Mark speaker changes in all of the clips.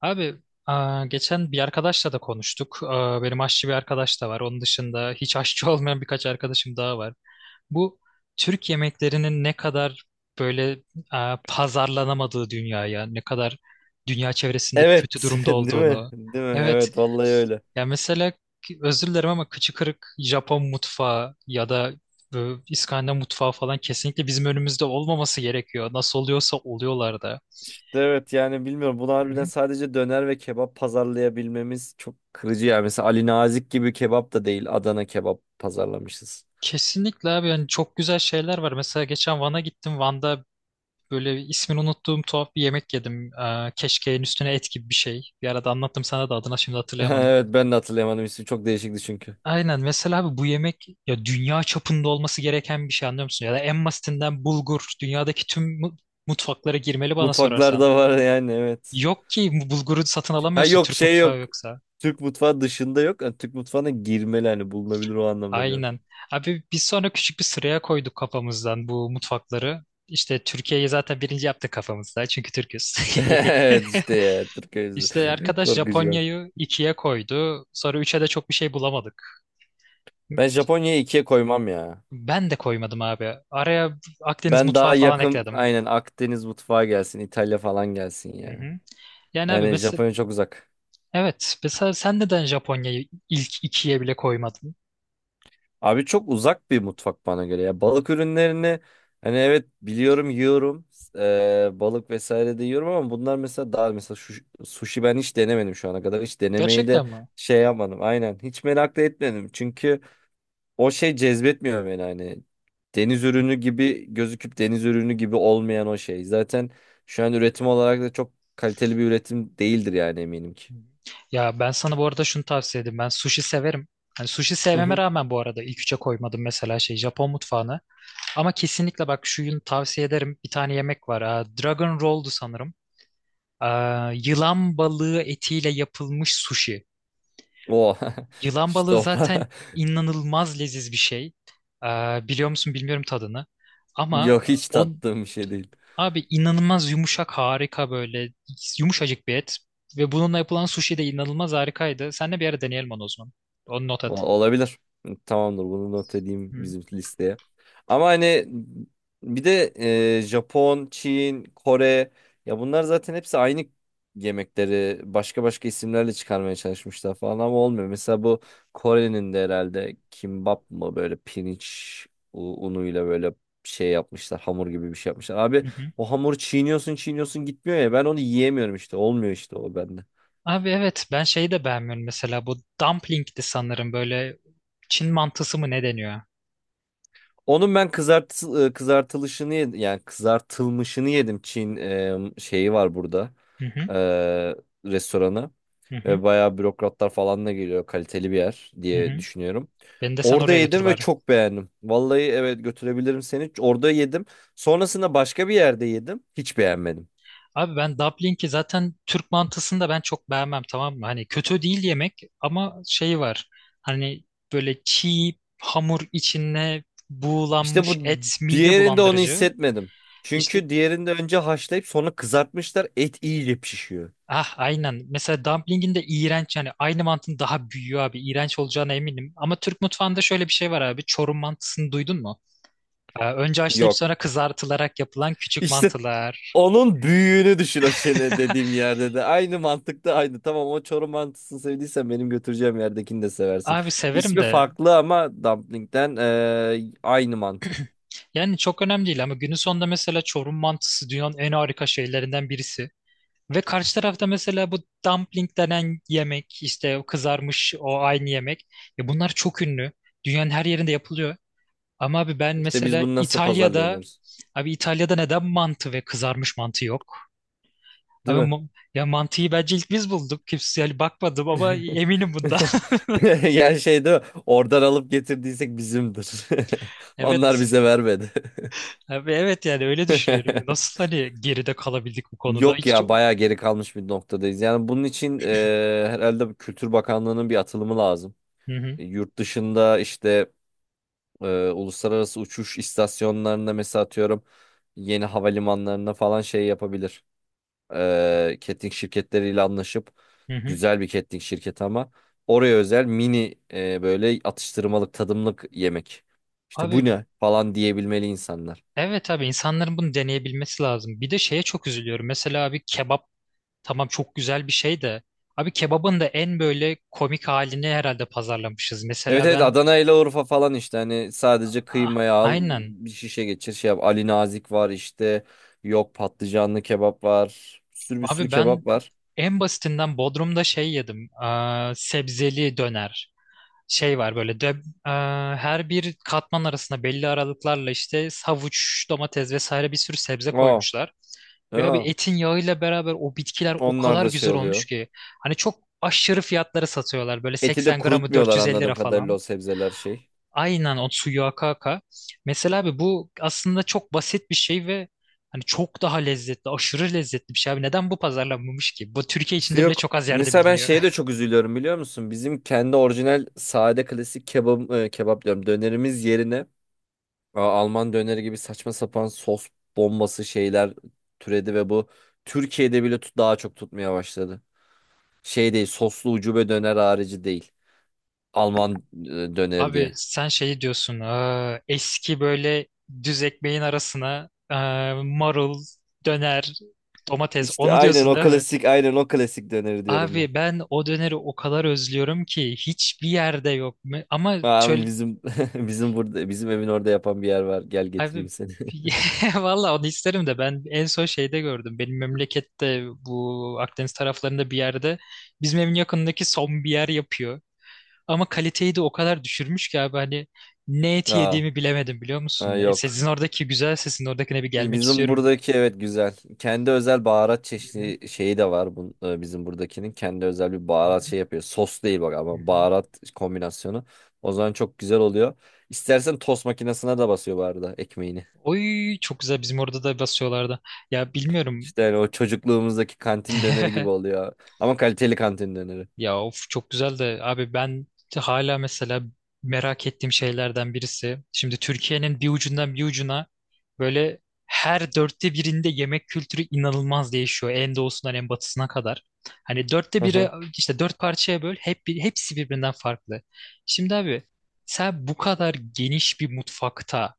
Speaker 1: Abi geçen bir arkadaşla da konuştuk. Benim aşçı bir arkadaş da var. Onun dışında hiç aşçı olmayan birkaç arkadaşım daha var. Bu Türk yemeklerinin ne kadar böyle pazarlanamadığı dünyaya, ne kadar dünya çevresinde kötü
Speaker 2: Evet,
Speaker 1: durumda
Speaker 2: değil mi?
Speaker 1: olduğunu.
Speaker 2: Değil mi?
Speaker 1: Evet.
Speaker 2: Evet, vallahi öyle.
Speaker 1: Ya mesela özür dilerim ama kıçı kırık Japon mutfağı ya da İskandinav mutfağı falan kesinlikle bizim önümüzde olmaması gerekiyor. Nasıl oluyorsa oluyorlar da.
Speaker 2: İşte evet yani bilmiyorum. Bunu harbiden sadece döner ve kebap pazarlayabilmemiz çok kırıcı yani. Mesela Ali Nazik gibi kebap da değil, Adana kebap pazarlamışız.
Speaker 1: Kesinlikle abi yani çok güzel şeyler var. Mesela geçen Van'a gittim. Van'da böyle ismini unuttuğum tuhaf bir yemek yedim. Keşkeğin üstüne et gibi bir şey. Bir arada anlattım sana da adına şimdi hatırlayamadım.
Speaker 2: Evet, ben de hatırlayamadım ismi. Çok değişikti çünkü.
Speaker 1: Aynen mesela abi bu yemek ya dünya çapında olması gereken bir şey, anlıyor musun? Ya da en basitinden bulgur dünyadaki tüm mutfaklara girmeli bana sorarsan.
Speaker 2: Mutfaklarda var yani, evet.
Speaker 1: Yok ki bu bulguru satın
Speaker 2: Ha,
Speaker 1: alamıyorsun,
Speaker 2: yok
Speaker 1: Türk
Speaker 2: şey
Speaker 1: mutfağı
Speaker 2: yok.
Speaker 1: yoksa.
Speaker 2: Türk mutfağı dışında yok. Yani Türk mutfağına girmeli, hani bulunabilir o anlamda diyorum.
Speaker 1: Aynen. Abi biz sonra küçük bir sıraya koyduk kafamızdan bu mutfakları. İşte Türkiye'yi zaten birinci yaptık kafamızda çünkü Türküz.
Speaker 2: Evet, işte ya Türk
Speaker 1: İşte
Speaker 2: öyle.
Speaker 1: arkadaş
Speaker 2: Korkucu ya.
Speaker 1: Japonya'yı ikiye koydu. Sonra üçe de çok bir şey bulamadık.
Speaker 2: Ben Japonya'yı ikiye koymam ya.
Speaker 1: Ben de koymadım abi. Araya Akdeniz
Speaker 2: Ben
Speaker 1: mutfağı
Speaker 2: daha
Speaker 1: falan
Speaker 2: yakın,
Speaker 1: ekledim.
Speaker 2: aynen Akdeniz mutfağı gelsin, İtalya falan gelsin
Speaker 1: Hı
Speaker 2: ya.
Speaker 1: hı. Yani abi
Speaker 2: Yani
Speaker 1: mesela
Speaker 2: Japonya çok uzak.
Speaker 1: evet mesela sen neden Japonya'yı ilk ikiye bile koymadın?
Speaker 2: Abi çok uzak bir mutfak bana göre ya. Balık ürünlerini hani evet biliyorum, yiyorum. Balık vesaire de yiyorum, ama bunlar mesela daha mesela şu, sushi ben hiç denemedim şu ana kadar. Hiç denemeyi de
Speaker 1: Gerçekten mi?
Speaker 2: şey yapmadım. Aynen hiç merak da etmedim. Çünkü o şey cezbetmiyor beni hani. Deniz ürünü gibi gözüküp deniz ürünü gibi olmayan o şey. Zaten şu an üretim olarak da çok kaliteli bir üretim değildir yani, eminim ki.
Speaker 1: Hı. Ya ben sana bu arada şunu tavsiye edeyim. Ben sushi severim. Hani sushi
Speaker 2: Hı
Speaker 1: sevmeme
Speaker 2: hı.
Speaker 1: rağmen bu arada ilk üçe koymadım mesela şey Japon mutfağını. Ama kesinlikle bak şunu tavsiye ederim. Bir tane yemek var. Dragon Roll'du sanırım. Yılan balığı etiyle yapılmış sushi.
Speaker 2: O
Speaker 1: Yılan
Speaker 2: işte
Speaker 1: balığı
Speaker 2: o.
Speaker 1: zaten inanılmaz leziz bir şey. Ee, Biliyor musun bilmiyorum tadını. Ama
Speaker 2: Yok, hiç
Speaker 1: o
Speaker 2: tattığım bir şey değil.
Speaker 1: abi inanılmaz yumuşak, harika, böyle yumuşacık bir et. Ve bununla yapılan sushi de inanılmaz harikaydı. Seninle bir ara deneyelim onu o zaman. Onu not
Speaker 2: Ol-
Speaker 1: et.
Speaker 2: Olabilir. Tamamdır, bunu not edeyim
Speaker 1: Hı.
Speaker 2: bizim listeye. Ama hani bir de Japon, Çin, Kore, ya bunlar zaten hepsi aynı yemekleri başka başka isimlerle çıkarmaya çalışmışlar falan ama olmuyor. Mesela bu Kore'nin de herhalde kimbap mı, böyle pirinç unuyla böyle şey yapmışlar, hamur gibi bir şey yapmışlar. Abi
Speaker 1: Hı hı.
Speaker 2: o hamuru çiğniyorsun çiğniyorsun gitmiyor ya, ben onu yiyemiyorum işte, olmuyor işte o bende.
Speaker 1: Abi evet, ben şeyi de beğenmiyorum mesela, bu dumpling'di sanırım, böyle Çin mantısı mı ne deniyor?
Speaker 2: Onun ben kızartılışını yedim. Yani kızartılmışını yedim. Çin şeyi var burada.
Speaker 1: Hı hı.
Speaker 2: E, restoranı.
Speaker 1: Hı hı.
Speaker 2: Ve bayağı bürokratlar falan da geliyor. Kaliteli bir yer
Speaker 1: Hı
Speaker 2: diye
Speaker 1: hı.
Speaker 2: düşünüyorum.
Speaker 1: Beni de sen
Speaker 2: Orada
Speaker 1: oraya götür
Speaker 2: yedim ve
Speaker 1: bari.
Speaker 2: çok beğendim. Vallahi evet, götürebilirim seni. Orada yedim. Sonrasında başka bir yerde yedim. Hiç beğenmedim.
Speaker 1: Abi ben dumpling'i zaten Türk mantısını da ben çok beğenmem, tamam mı? Hani kötü değil yemek ama şey var. Hani böyle çiğ hamur içine
Speaker 2: İşte
Speaker 1: buğulanmış
Speaker 2: bu
Speaker 1: et mide
Speaker 2: diğerinde onu
Speaker 1: bulandırıcı.
Speaker 2: hissetmedim.
Speaker 1: İşte
Speaker 2: Çünkü diğerinde önce haşlayıp sonra kızartmışlar. Et iyice pişiyor.
Speaker 1: ah aynen. Mesela dumpling'in de iğrenç yani, aynı mantının daha büyüğü abi. İğrenç olacağına eminim. Ama Türk mutfağında şöyle bir şey var abi. Çorum mantısını duydun mu? Önce haşlayıp
Speaker 2: Yok.
Speaker 1: sonra kızartılarak yapılan küçük
Speaker 2: İşte
Speaker 1: mantılar.
Speaker 2: onun büyüğünü düşün o çene dediğim yerde de. Aynı mantıkta aynı. Tamam, o Çorum mantısını sevdiysen benim götüreceğim yerdekini de seversin.
Speaker 1: Abi severim
Speaker 2: İsmi
Speaker 1: de
Speaker 2: farklı ama dumpling'den aynı mantık.
Speaker 1: yani çok önemli değil ama günün sonunda mesela Çorum mantısı dünyanın en harika şeylerinden birisi. Ve karşı tarafta mesela bu dumpling denen yemek, işte o kızarmış o aynı yemek. Ya bunlar çok ünlü. Dünyanın her yerinde yapılıyor. Ama abi ben
Speaker 2: İşte biz
Speaker 1: mesela
Speaker 2: bunu nasıl
Speaker 1: İtalya'da,
Speaker 2: pazarlayamıyoruz?
Speaker 1: abi İtalya'da neden mantı ve kızarmış mantı yok?
Speaker 2: Değil
Speaker 1: Abi
Speaker 2: mi?
Speaker 1: ya mantıyı bence ilk biz bulduk. Kimse yani bakmadım ama eminim bundan.
Speaker 2: Yani şey değil mi? Oradan alıp getirdiysek bizimdir. Onlar
Speaker 1: Evet.
Speaker 2: bize vermedi.
Speaker 1: Abi evet, yani öyle düşünüyorum. Nasıl hani geride kalabildik bu konuda?
Speaker 2: Yok
Speaker 1: Hiç.
Speaker 2: ya, bayağı geri kalmış bir noktadayız. Yani bunun için herhalde Kültür Bakanlığı'nın bir atılımı lazım.
Speaker 1: Hı hı.
Speaker 2: Yurt dışında işte uluslararası uçuş istasyonlarında mesela atıyorum yeni havalimanlarına falan şey yapabilir. Catering şirketleriyle anlaşıp
Speaker 1: Hı hı.
Speaker 2: güzel bir catering şirketi, ama oraya özel mini böyle atıştırmalık tadımlık yemek. İşte bu
Speaker 1: Abi
Speaker 2: ne falan diyebilmeli insanlar.
Speaker 1: evet abi, insanların bunu deneyebilmesi lazım. Bir de şeye çok üzülüyorum. Mesela abi kebap tamam çok güzel bir şey de, abi kebabın da en böyle komik halini herhalde pazarlamışız.
Speaker 2: Evet,
Speaker 1: Mesela
Speaker 2: evet,
Speaker 1: ben
Speaker 2: Adana ile Urfa falan işte, hani sadece
Speaker 1: ah,
Speaker 2: kıymayı al
Speaker 1: aynen
Speaker 2: bir şişe geçir şey yap. Ali Nazik var işte, yok patlıcanlı kebap var, bir sürü bir sürü
Speaker 1: abi, ben
Speaker 2: kebap var.
Speaker 1: en basitinden Bodrum'da şey yedim. Sebzeli döner. Şey var böyle de, e, her bir katman arasında belli aralıklarla işte havuç, domates vesaire bir sürü sebze
Speaker 2: Aa,
Speaker 1: koymuşlar. Ve abi
Speaker 2: aa.
Speaker 1: etin yağıyla beraber o bitkiler o
Speaker 2: Onlar
Speaker 1: kadar
Speaker 2: da şey
Speaker 1: güzel olmuş
Speaker 2: oluyor.
Speaker 1: ki. Hani çok aşırı fiyatlara satıyorlar. Böyle
Speaker 2: Eti de
Speaker 1: 80 gramı
Speaker 2: kurutmuyorlar
Speaker 1: 450 lira
Speaker 2: anladığım kadarıyla,
Speaker 1: falan.
Speaker 2: o sebzeler şey.
Speaker 1: Aynen o suyu aka aka. Mesela abi bu aslında çok basit bir şey ve hani çok daha lezzetli, aşırı lezzetli bir şey abi. Neden bu pazarlanmamış ki? Bu Türkiye
Speaker 2: İşte
Speaker 1: içinde bile
Speaker 2: yok.
Speaker 1: çok az yerde
Speaker 2: Mesela ben
Speaker 1: biliniyor.
Speaker 2: şeye de çok üzülüyorum, biliyor musun? Bizim kendi orijinal sade klasik kebap, kebap diyorum, dönerimiz yerine Alman döneri gibi saçma sapan sos bombası şeyler türedi ve bu Türkiye'de bile daha çok tutmaya başladı. Şey değil, soslu ucube döner harici değil. Alman döneri
Speaker 1: Abi
Speaker 2: diye.
Speaker 1: sen şey diyorsun, "Aa, eski böyle düz ekmeğin arasına aa, marul, döner, domates,"
Speaker 2: İşte
Speaker 1: onu
Speaker 2: aynen
Speaker 1: diyorsun
Speaker 2: o
Speaker 1: değil mi?
Speaker 2: klasik, aynen o klasik döneri diyorum ben.
Speaker 1: Abi ben o döneri o kadar özlüyorum ki hiçbir yerde yok. Ama çöl
Speaker 2: Aa, bizim bizim burada bizim evin orada yapan bir yer var. Gel
Speaker 1: abi
Speaker 2: getireyim seni.
Speaker 1: valla onu isterim de ben en son şeyde gördüm. Benim memlekette bu Akdeniz taraflarında bir yerde, bizim evin yakındaki son bir yer yapıyor. Ama kaliteyi de o kadar düşürmüş ki abi, hani ne eti
Speaker 2: Aa,
Speaker 1: yediğimi bilemedim biliyor
Speaker 2: ha,
Speaker 1: musun?
Speaker 2: yok.
Speaker 1: Sizin oradaki güzel sesin oradakine bir gelmek
Speaker 2: Bizim
Speaker 1: istiyorum.
Speaker 2: buradaki, evet güzel. Kendi özel baharat
Speaker 1: Hı hı,
Speaker 2: çeşidi şeyi de var bizim buradakinin. Kendi özel bir
Speaker 1: hı
Speaker 2: baharat
Speaker 1: hı,
Speaker 2: şey yapıyor. Sos değil bak,
Speaker 1: hı
Speaker 2: ama
Speaker 1: hı.
Speaker 2: baharat kombinasyonu. O zaman çok güzel oluyor. İstersen tost makinesine de basıyor bu arada ekmeğini.
Speaker 1: Oy çok güzel, bizim orada da basıyorlardı. Ya bilmiyorum.
Speaker 2: İşte hani o çocukluğumuzdaki kantin döneri gibi oluyor. Ama kaliteli kantin döneri.
Speaker 1: Ya of, çok güzel de abi, ben hala mesela merak ettiğim şeylerden birisi. Şimdi Türkiye'nin bir ucundan bir ucuna böyle her dörtte birinde yemek kültürü inanılmaz değişiyor. En doğusundan en batısına kadar. Hani dörtte
Speaker 2: Hı
Speaker 1: biri,
Speaker 2: hı.
Speaker 1: işte dört parçaya böl hep, hepsi birbirinden farklı. Şimdi abi sen bu kadar geniş bir mutfakta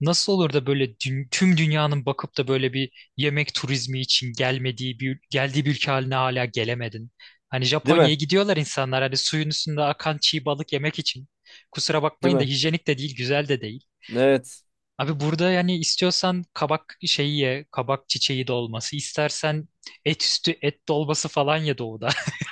Speaker 1: nasıl olur da böyle tüm dünyanın bakıp da böyle bir yemek turizmi için gelmediği bir geldiği bir ülke haline hala gelemedin? Hani
Speaker 2: Değil mi?
Speaker 1: Japonya'ya gidiyorlar insanlar hani suyun üstünde akan çiğ balık yemek için. Kusura
Speaker 2: Değil
Speaker 1: bakmayın da
Speaker 2: mi?
Speaker 1: hijyenik de değil, güzel de değil.
Speaker 2: Evet.
Speaker 1: Abi burada yani istiyorsan kabak şeyi ye, kabak çiçeği dolması, istersen et üstü et dolması falan ye doğuda.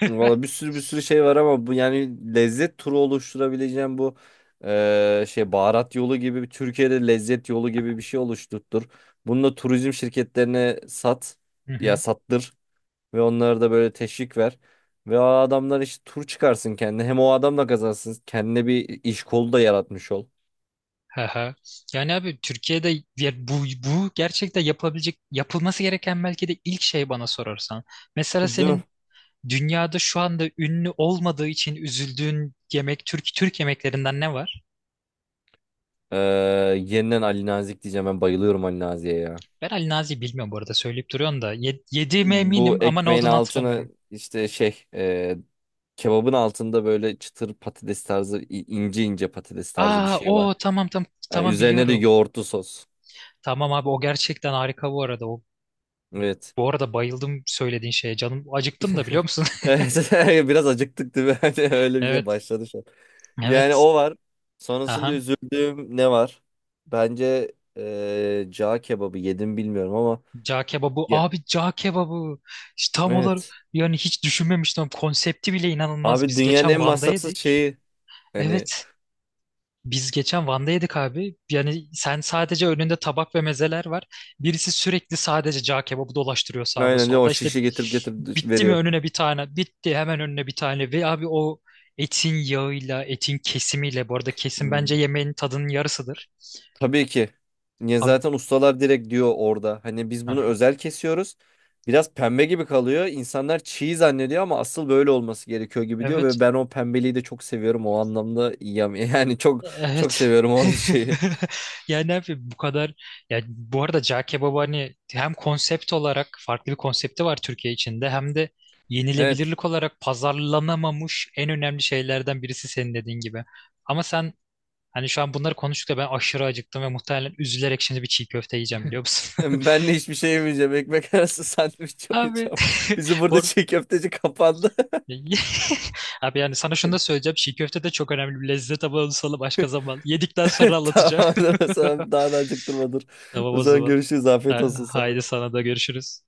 Speaker 2: Valla bir sürü bir sürü şey var ama bu yani lezzet turu oluşturabileceğim bu şey baharat yolu gibi Türkiye'de lezzet yolu gibi bir şey oluşturtur. Bunu da turizm şirketlerine sat
Speaker 1: Hı
Speaker 2: ya
Speaker 1: hı.
Speaker 2: sattır, ve onlara da böyle teşvik ver. Ve o adamlar işte tur çıkarsın kendine, hem o adam da kazansın kendine, bir iş kolu da yaratmış ol.
Speaker 1: Hı hı. Yani abi Türkiye'de ya bu gerçekten yapılabilecek, yapılması gereken belki de ilk şey bana sorarsan. Mesela
Speaker 2: Değil mi?
Speaker 1: senin dünyada şu anda ünlü olmadığı için üzüldüğün yemek, Türk Türk yemeklerinden ne var?
Speaker 2: Eee, yeniden Ali Nazik diyeceğim, ben bayılıyorum Ali Nazik'e ya.
Speaker 1: Ben Ali Nazi'yi bilmiyorum bu arada, söyleyip duruyorsun da. Yediğime
Speaker 2: Bu
Speaker 1: eminim ama ne
Speaker 2: ekmeğin
Speaker 1: olduğunu
Speaker 2: altını
Speaker 1: hatırlamıyorum.
Speaker 2: işte şey, kebabın altında böyle çıtır patates tarzı, ince ince patates tarzı bir
Speaker 1: Aa
Speaker 2: şey var.
Speaker 1: o tamam tamam
Speaker 2: Yani
Speaker 1: tamam,
Speaker 2: üzerine de
Speaker 1: biliyorum.
Speaker 2: yoğurtlu sos.
Speaker 1: Tamam abi o gerçekten harika bu arada. O,
Speaker 2: Evet.
Speaker 1: bu arada bayıldım söylediğin şeye. Canım acıktım da biliyor musun?
Speaker 2: Evet, biraz acıktık değil mi? Hani öyle bir şey
Speaker 1: Evet.
Speaker 2: başladı şu an. Yani
Speaker 1: Evet.
Speaker 2: o var. Sonrasında
Speaker 1: Aha.
Speaker 2: üzüldüğüm ne var? Bence cağ kebabı yedim bilmiyorum ama,
Speaker 1: Cağ kebabı.
Speaker 2: ya,
Speaker 1: Abi cağ kebabı. İşte tam olarak,
Speaker 2: evet.
Speaker 1: yani hiç düşünmemiştim. Konsepti bile inanılmaz.
Speaker 2: Abi
Speaker 1: Biz
Speaker 2: dünyanın
Speaker 1: geçen
Speaker 2: en
Speaker 1: Van'da
Speaker 2: masrafsız
Speaker 1: yedik.
Speaker 2: şeyi, hani
Speaker 1: Evet. Biz geçen Van'da yedik abi. Yani sen sadece önünde tabak ve mezeler var. Birisi sürekli sadece cağ kebabı dolaştırıyor sağda
Speaker 2: aynen
Speaker 1: solda.
Speaker 2: o
Speaker 1: İşte
Speaker 2: şişi getirip getirip
Speaker 1: bitti mi
Speaker 2: veriyor.
Speaker 1: önüne bir tane, bitti hemen önüne bir tane. Ve abi o etin yağıyla, etin kesimiyle, bu arada kesim
Speaker 2: Hmm.
Speaker 1: bence yemeğin tadının yarısıdır.
Speaker 2: Tabii ki. Niye
Speaker 1: Abi,
Speaker 2: zaten ustalar direkt diyor orada. Hani biz
Speaker 1: hı
Speaker 2: bunu
Speaker 1: hı,
Speaker 2: özel kesiyoruz. Biraz pembe gibi kalıyor. İnsanlar çiğ zannediyor ama asıl böyle olması gerekiyor gibi diyor,
Speaker 1: evet.
Speaker 2: ve ben o pembeliği de çok seviyorum o anlamda. Yani çok çok
Speaker 1: Evet.
Speaker 2: seviyorum o şeyi.
Speaker 1: Yani ne yapayım bu kadar, yani bu arada cağ kebabı hani hem konsept olarak farklı bir konsepti var Türkiye içinde hem de
Speaker 2: Evet.
Speaker 1: yenilebilirlik olarak pazarlanamamış en önemli şeylerden birisi senin dediğin gibi. Ama sen hani şu an bunları konuştukça ben aşırı acıktım ve muhtemelen üzülerek şimdi bir çiğ köfte yiyeceğim biliyor musun?
Speaker 2: Ben de hiçbir şey yemeyeceğim. Ekmek arası sandviç
Speaker 1: Abi
Speaker 2: yapacağım. Bizi
Speaker 1: bu
Speaker 2: burada
Speaker 1: ar-
Speaker 2: çiğ köfteci kapandı.
Speaker 1: Abi yani sana şunu da söyleyeceğim. Çiğ köfte de çok önemli bir lezzet ama onu sana başka zaman yedikten sonra anlatacağım.
Speaker 2: Tamam. O zaman daha da acıktırma, dur.
Speaker 1: Tamam
Speaker 2: O
Speaker 1: o
Speaker 2: zaman
Speaker 1: zaman.
Speaker 2: görüşürüz. Afiyet olsun
Speaker 1: Haydi
Speaker 2: sana.
Speaker 1: sana da görüşürüz.